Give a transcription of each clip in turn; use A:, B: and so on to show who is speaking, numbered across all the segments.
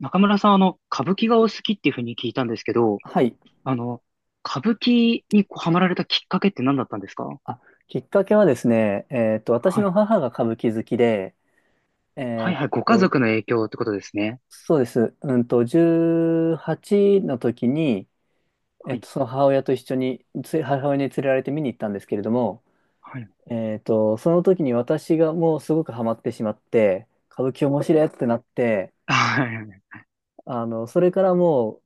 A: 中村さん、歌舞伎がお好きっていうふうに聞いたんですけど、
B: はい。
A: あの、歌舞伎にこうハマられたきっかけって何だったんですか？
B: あ、きっかけはですね、私
A: はい。
B: の母が歌舞伎好きで、
A: はい
B: えっ
A: はい。ご家
B: と、
A: 族の影響ってことですね。
B: そうです。18の時に、
A: はい。
B: その母親と一緒に、母親に連れられて見に行ったんですけれども、
A: はい。はい、
B: その時に私がもうすごくハマってしまって、歌舞伎面白いってなって、
A: あ、
B: それからも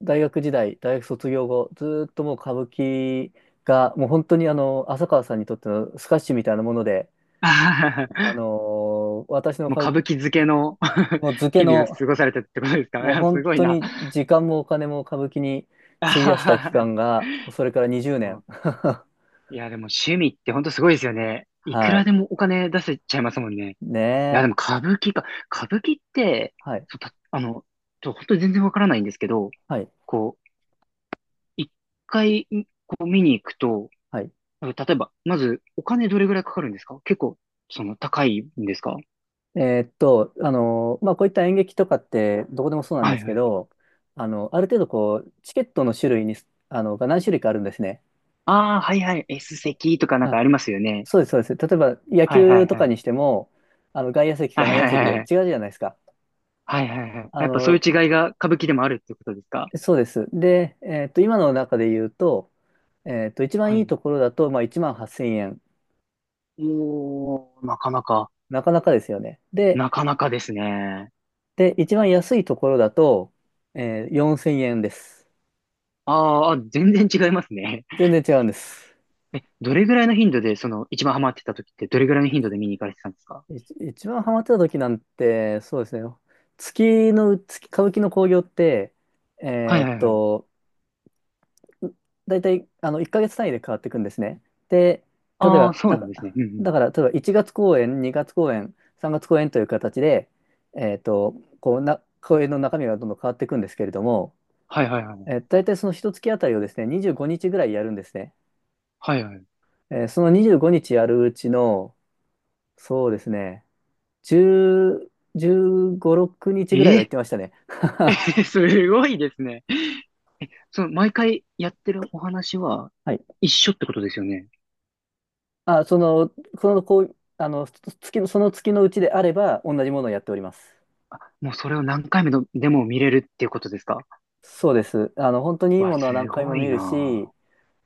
B: う、大学時代、大学卒業後、ずーっともう歌舞伎が、もう本当に浅川さんにとってのスカッシュみたいなもので、
A: はは。
B: あのー私 の
A: もう
B: 歌舞
A: 歌舞伎漬けの
B: もう漬け
A: 日々を
B: の、
A: 過ごされたってことですか？
B: も
A: い
B: う
A: や、
B: 本
A: すごい
B: 当
A: な。
B: に 時間もお金も歌舞伎に費やした期
A: あ
B: 間
A: ー、
B: が、それから20
A: も
B: 年。
A: う、 いや、でも趣味って本当すごいですよね。いく
B: は
A: ら
B: い。
A: でもお金出せちゃいますもんね。い
B: ね
A: や、でも
B: え。
A: 歌舞伎か。歌舞伎って、
B: はい。
A: そうたちょ、ほん、全然わからないんですけど、
B: はい。
A: こう、一回、こう見に行くと、
B: はい。
A: なんか例えば、まず、お金どれぐらいかかるんですか？結構、その、高いんですか？
B: まあ、こういった演劇とかって、どこでもそうなん
A: は
B: で
A: い
B: す
A: は
B: け
A: い。
B: ど、ある程度こう、チケットの種類に、あの、が何種類かあるんですね。
A: ああ、はいはい。S 席とかなんかあ
B: あ、
A: りますよね。
B: そうです、そうです。例えば、野
A: はいは
B: 球
A: い
B: とか
A: はい。
B: にしても、外野席
A: は
B: か
A: い
B: 内野席
A: は
B: で
A: い
B: 違
A: は
B: う
A: い。
B: じゃないですか。
A: はいはいはい。
B: あ
A: やっぱそうい
B: の、
A: う違いが歌舞伎でもあるってことですか？
B: そうです。で、今の中で言うと、一
A: は
B: 番いい
A: い。
B: ところだと、まあ、1万8000円。
A: おー、なかなか。
B: なかなかですよね。で、
A: なかなかですね。
B: 一番安いところだと、4000円です。
A: ああ、全然違いますね。
B: 全然違うんです。
A: え、どれぐらいの頻度で、その、一番ハマってた時って、どれぐらいの頻度で見に行かれてたんですか？
B: 一番ハマってた時なんて、そうですね。月、歌舞伎の興行って、
A: はい
B: え
A: は
B: っ
A: いはい。
B: と、大体あの1ヶ月単位で変わっていくんですね。で、例え
A: ああ、
B: ば、
A: そうなんですね。うんうん。
B: だから例えば1月公演、2月公演、3月公演という形で、えーと、こうな公演の中身がどんどん変わっていくんですけれども、
A: はいはいはい。
B: 大体その1月あたりをですね、25日ぐらいやるんですね。
A: はいはい。
B: その25日やるうちの、そうですね、10、15、6日ぐらいは行っ
A: え
B: てましたね。
A: ー、すごいですね。その、毎回やってるお話は
B: はい。
A: 一緒ってことですよね。
B: あ、その、こう、その月のうちであれば、同じものをやっております。
A: あ、もうそれを何回目のでも見れるっていうことですか？
B: そうです。本当にいい
A: わ、
B: ものは何
A: す
B: 回
A: ご
B: も見
A: い
B: るし、
A: な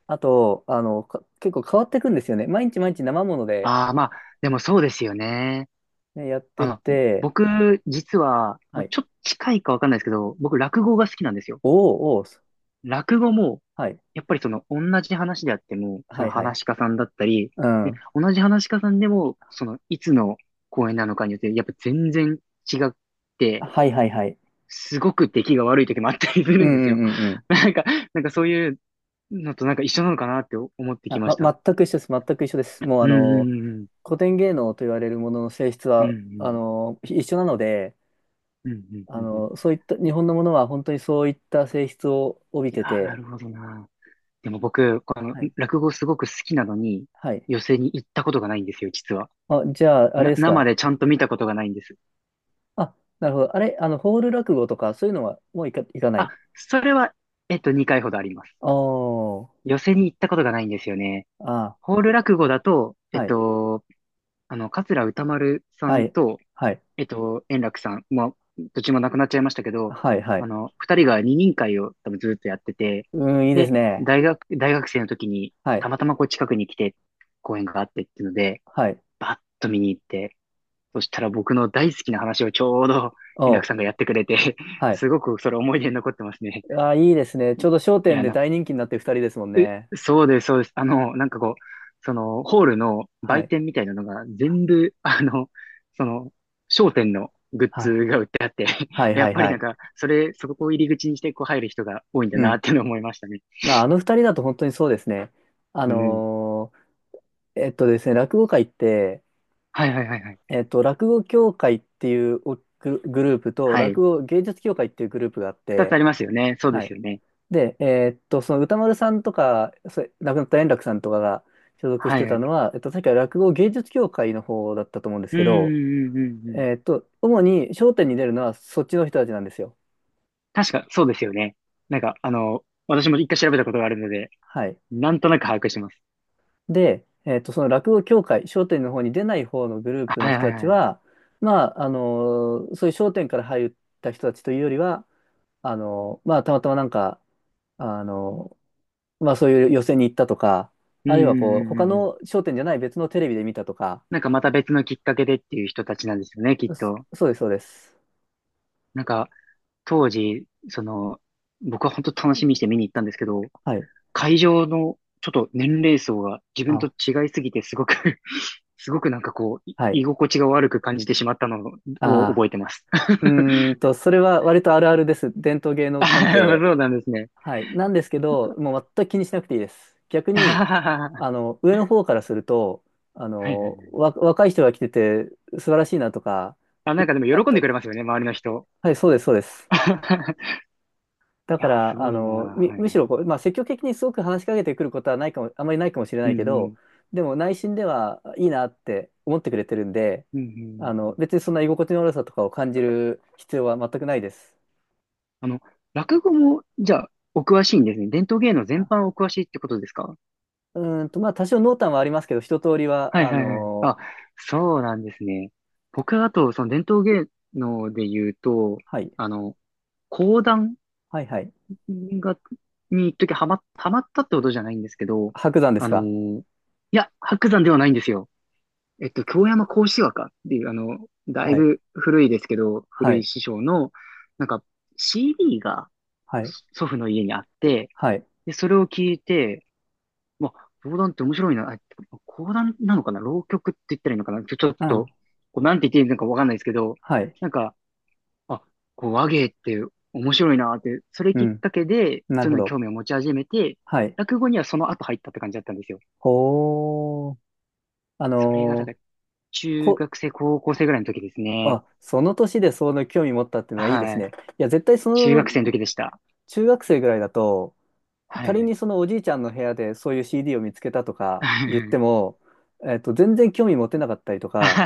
B: あと、結構変わっていくんですよね。毎日毎日生もの
A: あ。
B: で、
A: ああ、まあ、でもそうですよね。
B: ね、やっ
A: あ
B: てっ
A: の、
B: て、
A: 僕、実は、
B: は
A: まあ、
B: い。
A: ちょっと近いかわかんないですけど、僕、落語が好きなんですよ。
B: おーおー、
A: 落語も
B: はい。
A: やっぱりその同じ話であっても、そ
B: は
A: の
B: いは
A: 話
B: い。
A: し家さんだったり、
B: う
A: で、
B: ん。
A: 同じ話し家さんでも、そのいつの公演なのかによって、やっぱ全然違って、
B: はいはいはい。
A: すごく出来が悪い時もあったりす
B: う
A: る
B: ん
A: んで
B: う
A: す
B: ん
A: よ。
B: うんうん。
A: なんか、そういうのとなんか一緒なのかなって思ってき
B: あ、
A: ました。
B: ま、全く一緒です。全く一緒です。もう
A: うんうん
B: 古典芸能と言われるものの性質
A: うんう
B: は、
A: ん。
B: 一緒なので、
A: うんうんうんうんうんうんうんうんうん。
B: そういった、日本のものは本当にそういった性質を帯び
A: いや
B: て
A: ー、な
B: て、
A: るほどな。でも僕、この
B: はい。
A: 落語すごく好きなのに、
B: はい。
A: 寄席に行ったことがないんですよ、実は。
B: あ、じゃあ、あれ
A: な、
B: です
A: 生
B: か？
A: でちゃんと見たことがないんです。
B: あ、なるほど。あれ、ホール落語とか、そういうのはもういかな
A: あ、
B: い。
A: それは、2回ほどあります。
B: おー、
A: 寄席に行ったことがないんですよね。
B: あ
A: ホール落語だと、
B: ー、はい、
A: 桂歌丸さ
B: は
A: ん
B: い、
A: と、
B: はい、
A: 円楽さん、まあ、どっちも亡くなっちゃいましたけど、
B: はい、は
A: あ
B: い。
A: の、二人が二人会を多分ずっとやってて、
B: うーん、いいで
A: で、
B: すね。
A: 大学生の時に、
B: はい、
A: たまたまこう近くに来て、公演があってっていうので、
B: はい、
A: バッと見に行って、そしたら僕の大好きな話をちょうど
B: お
A: 円楽さんが
B: ー、
A: やってくれて、
B: はい。
A: すごくそれ思い出に残ってますね。
B: あー、いいですね。ちょうど笑
A: い
B: 点
A: や、
B: で
A: な、
B: 大人気になってる二人ですもんね。
A: そうです、そうです。あの、なんかこう、その、ホールの
B: は
A: 売
B: い、
A: 店みたいなのが全部、あの、その、商店のグッ
B: は
A: ズ
B: い、
A: が売ってあって、
B: はい、
A: や
B: は
A: っ
B: い、
A: ぱ
B: は
A: りなん
B: い。
A: か、それ、そこを入り口にしてこう入る人が多いんだ
B: う
A: なっ
B: ん。
A: ていうのを思いましたね。
B: まあ、あの二人だと本当にそうですね。あ
A: うん。
B: のーですね、落語界って、
A: はいはいはいはい。
B: 落語協会っていうおグルグループと、
A: は
B: 落
A: い。
B: 語芸術協会っていうグループがあっ
A: 二つ
B: て、
A: ありますよね。そうで
B: は
A: す
B: い。
A: よね。
B: で、その歌丸さんとか、それ亡くなった円楽さんとかが所属し
A: はい
B: て
A: は
B: た
A: い。
B: のは、確か落語芸術協会の方だったと思うんです
A: うん、
B: けど、
A: うん、うん、うん。
B: 主に笑点に出るのはそっちの人たちなんですよ。
A: 確か、そうですよね。なんか、あの、私も一回調べたことがあるので、
B: はい。
A: なんとなく把握してます。
B: で、その落語協会、笑点の方に出ない方のグループの
A: はい
B: 人
A: はい
B: たち
A: はい。
B: は、まあ、そういう笑点から入った人たちというよりは、まあ、たまたまなんか、あのまあ、そういう寄席に行ったとか、
A: うん、う
B: あ
A: ん、
B: るいはこう、
A: う
B: 他
A: ん、うんう
B: の
A: ん。
B: 笑点じゃない別のテレビで見たとか、
A: なんかまた別のきっかけでっていう人たちなんですよね、きっ
B: そ
A: と。
B: そうです、そうです。
A: なんか、当時、その、僕は本当楽しみにして見に行ったんですけど、
B: はい。
A: 会場のちょっと年齢層が自分と
B: あ、
A: 違いすぎてすごく、 すごくなんかこう、い、
B: は
A: 居
B: い。
A: 心地が悪く感じてしまったのを覚え
B: あ
A: てます。
B: ー、それは割とあるあるです。伝統芸能関
A: あ、
B: 係。
A: そうなんですね。
B: はい。なんですけど、もう全く気にしなくていいです。逆
A: あ
B: に、
A: はははは。
B: 上の方からすると、
A: はいはいはい。
B: 若い人が来てて素晴らしいなとか、
A: あ、なんか
B: 嬉
A: で
B: し
A: も
B: いなっ
A: 喜んで
B: て。
A: くれますよね、周りの人。
B: はい、そうです、そうです。だ
A: い
B: か
A: や、す
B: ら、
A: ごいな。はい
B: む
A: は
B: し
A: い。
B: ろこう、まあ、積極的にすごく話しかけてくることはないかも、あまりないかもしれ
A: う
B: な
A: ん
B: いけ
A: う
B: ど、
A: ん。
B: でも内心ではいいなって思ってくれてるんで、
A: うんうんうんうん。
B: 別にそんな居心地の悪さとかを感じる必要は全くないです。
A: あの、落語も、じゃあ、お詳しいんですね。伝統芸能全
B: あ
A: 般お詳しいってことですか？
B: まあ、多少濃淡はありますけど、一通り
A: は
B: は、
A: いはいはい。あ、そうなんですね。僕はあと、その伝統芸能で言うと、
B: はい、
A: あの、講談
B: はいはい。
A: が、に一時ハマ、ハマったってことじゃないんですけど、
B: 白山です
A: あの
B: か？
A: ー、いや、白山ではないんですよ。えっと、京山幸枝若っていう、あの、だい
B: はい、
A: ぶ古いですけど、
B: は
A: 古い
B: い、
A: 師匠の、なんか、CD が
B: はい、
A: 祖父の家にあって、
B: はい、
A: で、それを聞いて、まあ、講談って面白いな。あ、講談なのかな、浪曲って言ったらいいのかな、ちょ、ちょっ
B: う
A: と、
B: ん、
A: こうなんて言っていいのかわかんないですけど、
B: はい、
A: なんか、あ、こう、和芸って面白いなって、それ
B: う
A: きっ
B: ん、
A: かけで、
B: なる
A: そういう
B: ほ
A: のに
B: ど。
A: 興味を持ち始めて、
B: はい。
A: 落語にはその後入ったって感じだったんですよ。
B: ほー、あ
A: それが、だか
B: の、
A: ら、中
B: こ、
A: 学生、高校生ぐらいの時ですね。
B: あ、その年でその興味持ったっていうのはいいです
A: はい。
B: ね。いや、絶対そ
A: 中
B: の
A: 学生の時でした。
B: 中学生ぐらいだと、
A: は
B: 仮
A: い。
B: にそのおじいちゃんの部屋でそういう CD を見つけたとか言っても、全然興味持てなかったりとか、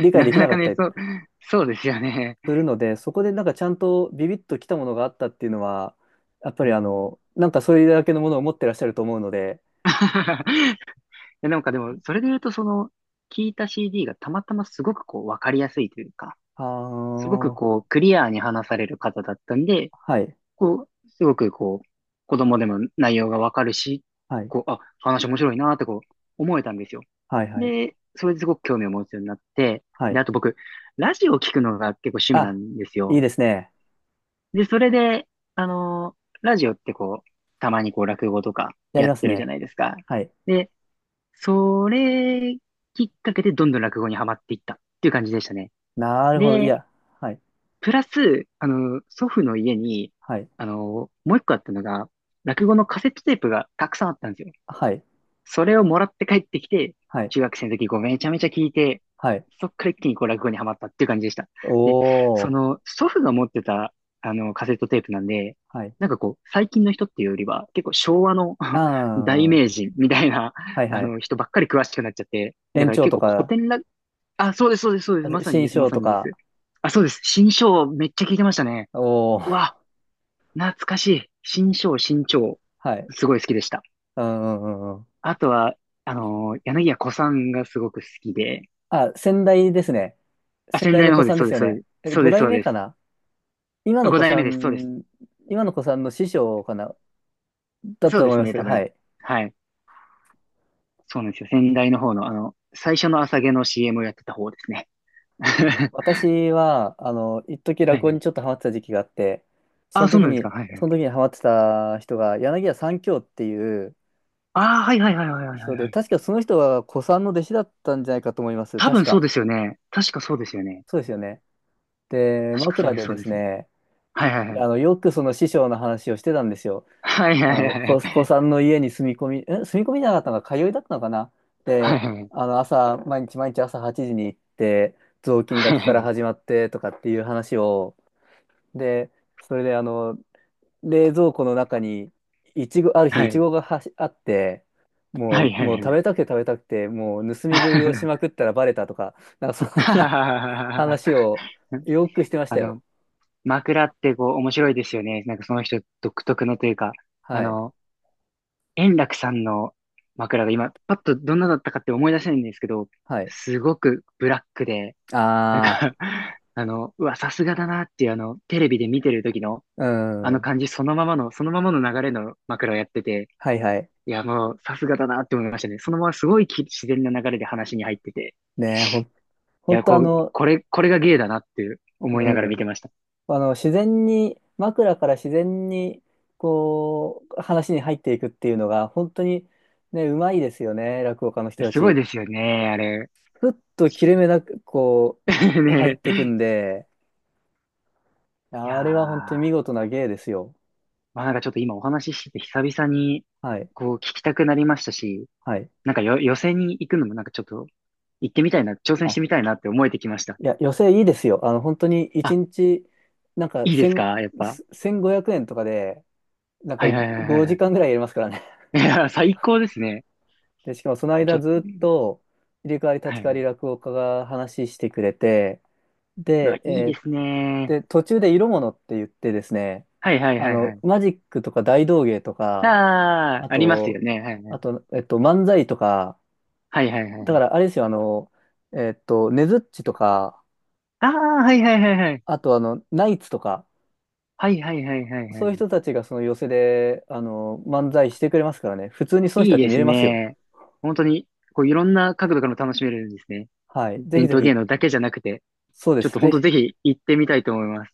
B: 理 解
A: な
B: で
A: か
B: きな
A: な
B: か
A: か
B: った
A: ね、
B: り
A: そうですよね。
B: するので、そこでなんかちゃんとビビッときたものがあったっていうのは、やっぱ
A: う
B: り
A: ん。
B: なんかそれだけのものを持ってらっしゃると思うので、
A: で、なんかでも、それで言うと、その、聞いた CD がたまたますごくこう、わかりやすいというか、
B: あ
A: すごく
B: ー、
A: こう、クリアに話される方だったんで、
B: はい、
A: こう、すごくこう、子供でも内容がわかるし、
B: はい、
A: こう、あ、話面白いなーってこう、思えたんですよ。
B: はい、はい、
A: で、それですごく興味を持つようになって、
B: は
A: で、
B: い。
A: あと僕、ラジオを聞くのが結構趣味な
B: あ、
A: んです
B: い
A: よ。
B: いですね。
A: で、それで、あのーラジオってこう、たまにこう、落語とか
B: やり
A: やっ
B: ます
A: てるじゃ
B: ね。
A: ないですか。
B: はい。
A: で、それきっかけでどんどん落語にはまっていったっていう感じでしたね。
B: なるほど。い
A: で、
B: や、はい。
A: プラス、あの、祖父の家に、
B: はい。
A: あの、もう一個あったのが、落語のカセットテープがたくさんあったんですよ。
B: はい。
A: それをもらって帰ってきて、
B: はい。
A: 中学生の時こうめちゃめちゃ聞いて、
B: はい。
A: そっから一気にこう落語にはまったっていう感じでした。で、
B: お
A: そ
B: ー。
A: の祖父が持ってたあのカセットテープなんで、
B: はい。
A: なんかこう最近の人っていうよりは結構昭和の、
B: あ
A: 大名
B: あ。
A: 人みたいな
B: はい
A: あ
B: はい。
A: の人ばっかり詳しくなっちゃって、だ
B: 延
A: から
B: 長
A: 結
B: と
A: 構古
B: か、
A: 典落、あ、そうです、そうです、そうで
B: あ
A: す、まさに
B: 新
A: です、ま
B: 章
A: さ
B: と
A: にで
B: か。
A: す。あ、そうです。新章めっちゃ聞いてましたね。
B: お
A: う
B: ー。
A: わ、懐かしい。新章、新章。
B: はい。
A: すごい好きでした。
B: うんうんうんうん。
A: あとは、あのー、柳家小さんがすごく好きで、
B: あ、先代ですね。
A: あ、
B: 先
A: 先
B: 代
A: 代
B: の
A: の
B: 子
A: 方で
B: さ
A: す、
B: んで
A: そう
B: す
A: で
B: よ
A: す、そう
B: ね。
A: です、
B: え、
A: そう
B: 5
A: です、
B: 代
A: そう
B: 目
A: で
B: か
A: す。
B: な。今の
A: 五
B: 子
A: 代
B: さ
A: 目です、そうです。
B: ん、今の子さん、の師匠かな、だ
A: そう
B: と
A: で
B: 思い
A: す
B: ま
A: ね、
B: す。
A: 多
B: は
A: 分。
B: い。
A: はい。そうなんですよ。先代の方の、あの、最初の朝毛の CM をやってた方ですね。は
B: 私は、一時
A: い
B: 落
A: は
B: 語に
A: い。
B: ちょっとハマってた時期があって、
A: あ、そうなんですか。はいは
B: その
A: い。
B: 時にハマってた人が、柳家三喬っていう、
A: ああ、はいはいはいはいはいは
B: 人
A: い
B: で、
A: はい。
B: 確かその人は古参の弟子だったんじゃないかと思います。
A: 多
B: 確
A: 分そう
B: か。
A: ですよね。確かそうですよね。
B: そうですよね。で、
A: 確かそう
B: 枕
A: です、
B: で
A: そ
B: で
A: うで
B: す
A: す。
B: ね、
A: はいはいはい。
B: よくその師匠の話をしてたんですよ。
A: はいはいはい
B: 古参の家に住み込み、住み込みじゃなかったのか、通いだったのかな。
A: は
B: で、
A: い。
B: 朝、毎日毎日朝8時に行って、雑巾が
A: はい
B: け
A: は
B: から
A: い
B: 始まってとかっていう話を、で、それで冷蔵庫の中に、いちご、ある日、
A: は
B: いち
A: い。
B: ごがはしあって、
A: はいはいはい。はい
B: もう
A: はいはい
B: 食
A: はい。
B: べたくて食べたくて、もう盗み食いをしま くったらバレたとか、なんかそん
A: はは
B: な
A: はは はは。
B: 話を よくしてまし
A: あ
B: た
A: の、
B: よ。
A: 枕ってこう面白いですよね。なんかその人独特のというか、あ
B: はい。
A: の、円楽さんの枕が今、パッとどんなだったかって思い出せないんですけど、
B: はい。
A: すごくブラックで、なんか、
B: あ
A: あの、うわ、さすがだなっていう、あの、テレビで見てる時の、あ
B: あ、う
A: の
B: ん。
A: 感じそのままの、そのままの流れの枕をやってて、
B: はいはい。
A: いや、もう、さすがだなって思いましたね。そのまますごい、き、自然な流れで話に入ってて、
B: ねえ、
A: い
B: ほん
A: や、
B: と
A: こう、これ、これが芸だなって思い
B: う
A: ながら見
B: ん。
A: てました。
B: 自然に、枕から自然に、こう、話に入っていくっていうのが、本当にね、うまいですよね、落語家の人た
A: すごい
B: ち。
A: ですよね、あれ。
B: ふっと切れ目なく、こ う、入っ
A: ね
B: て
A: え、
B: くんで、
A: いや
B: あれは本当に見
A: ー、
B: 事な芸ですよ。
A: まあなんかちょっと今お話ししてて久々に
B: はい。
A: こう聞きたくなりましたし、
B: はい。
A: なんかよ、予選に行くのもなんかちょっと行ってみたいな、挑戦し
B: あ、
A: てみたいなって思えてきました。
B: いや、寄席いいですよ。本当に1
A: あ、
B: 日、なんか、
A: いいですか、やっぱ。
B: 1500円とかで、なんか
A: はいはいはいは
B: 5
A: い。
B: 時間ぐらいやりますからね。
A: いやー、最高ですね。
B: で、しかもその
A: ちょ
B: 間
A: っと、
B: ずっと、入れ替わり
A: は
B: 立ち替
A: い
B: わ
A: は
B: り
A: い。
B: 落語家が話してくれて、
A: うわ、
B: で、
A: いい
B: え
A: で
B: ー
A: すね。
B: で、途中で色物って言ってですね、
A: はいはいはいはい。
B: マジックとか大道芸とか、
A: あ
B: あ
A: ー、ありますよ
B: と、
A: ね。はいはい。
B: 漫才とか、
A: はいはいはいは
B: だか
A: い。
B: らあれですよ、ねづっちとか、
A: あー、はいはいはいはい。
B: あとナイツとか、
A: はいはいはいはいは
B: そういう
A: い。
B: 人たちがその寄席で、漫才してくれますからね、普通にその
A: い
B: 人
A: い
B: たち
A: で
B: 見
A: す
B: れますよ。
A: ね。本当に、こういろんな角度からも楽しめるんですね。
B: はい。ぜひ
A: 伝
B: ぜ
A: 統芸
B: ひ、
A: 能だけじゃなくて、
B: そうで
A: ちょっ
B: す。
A: と本
B: ぜ
A: 当
B: ひ
A: ぜひ行ってみたいと思います。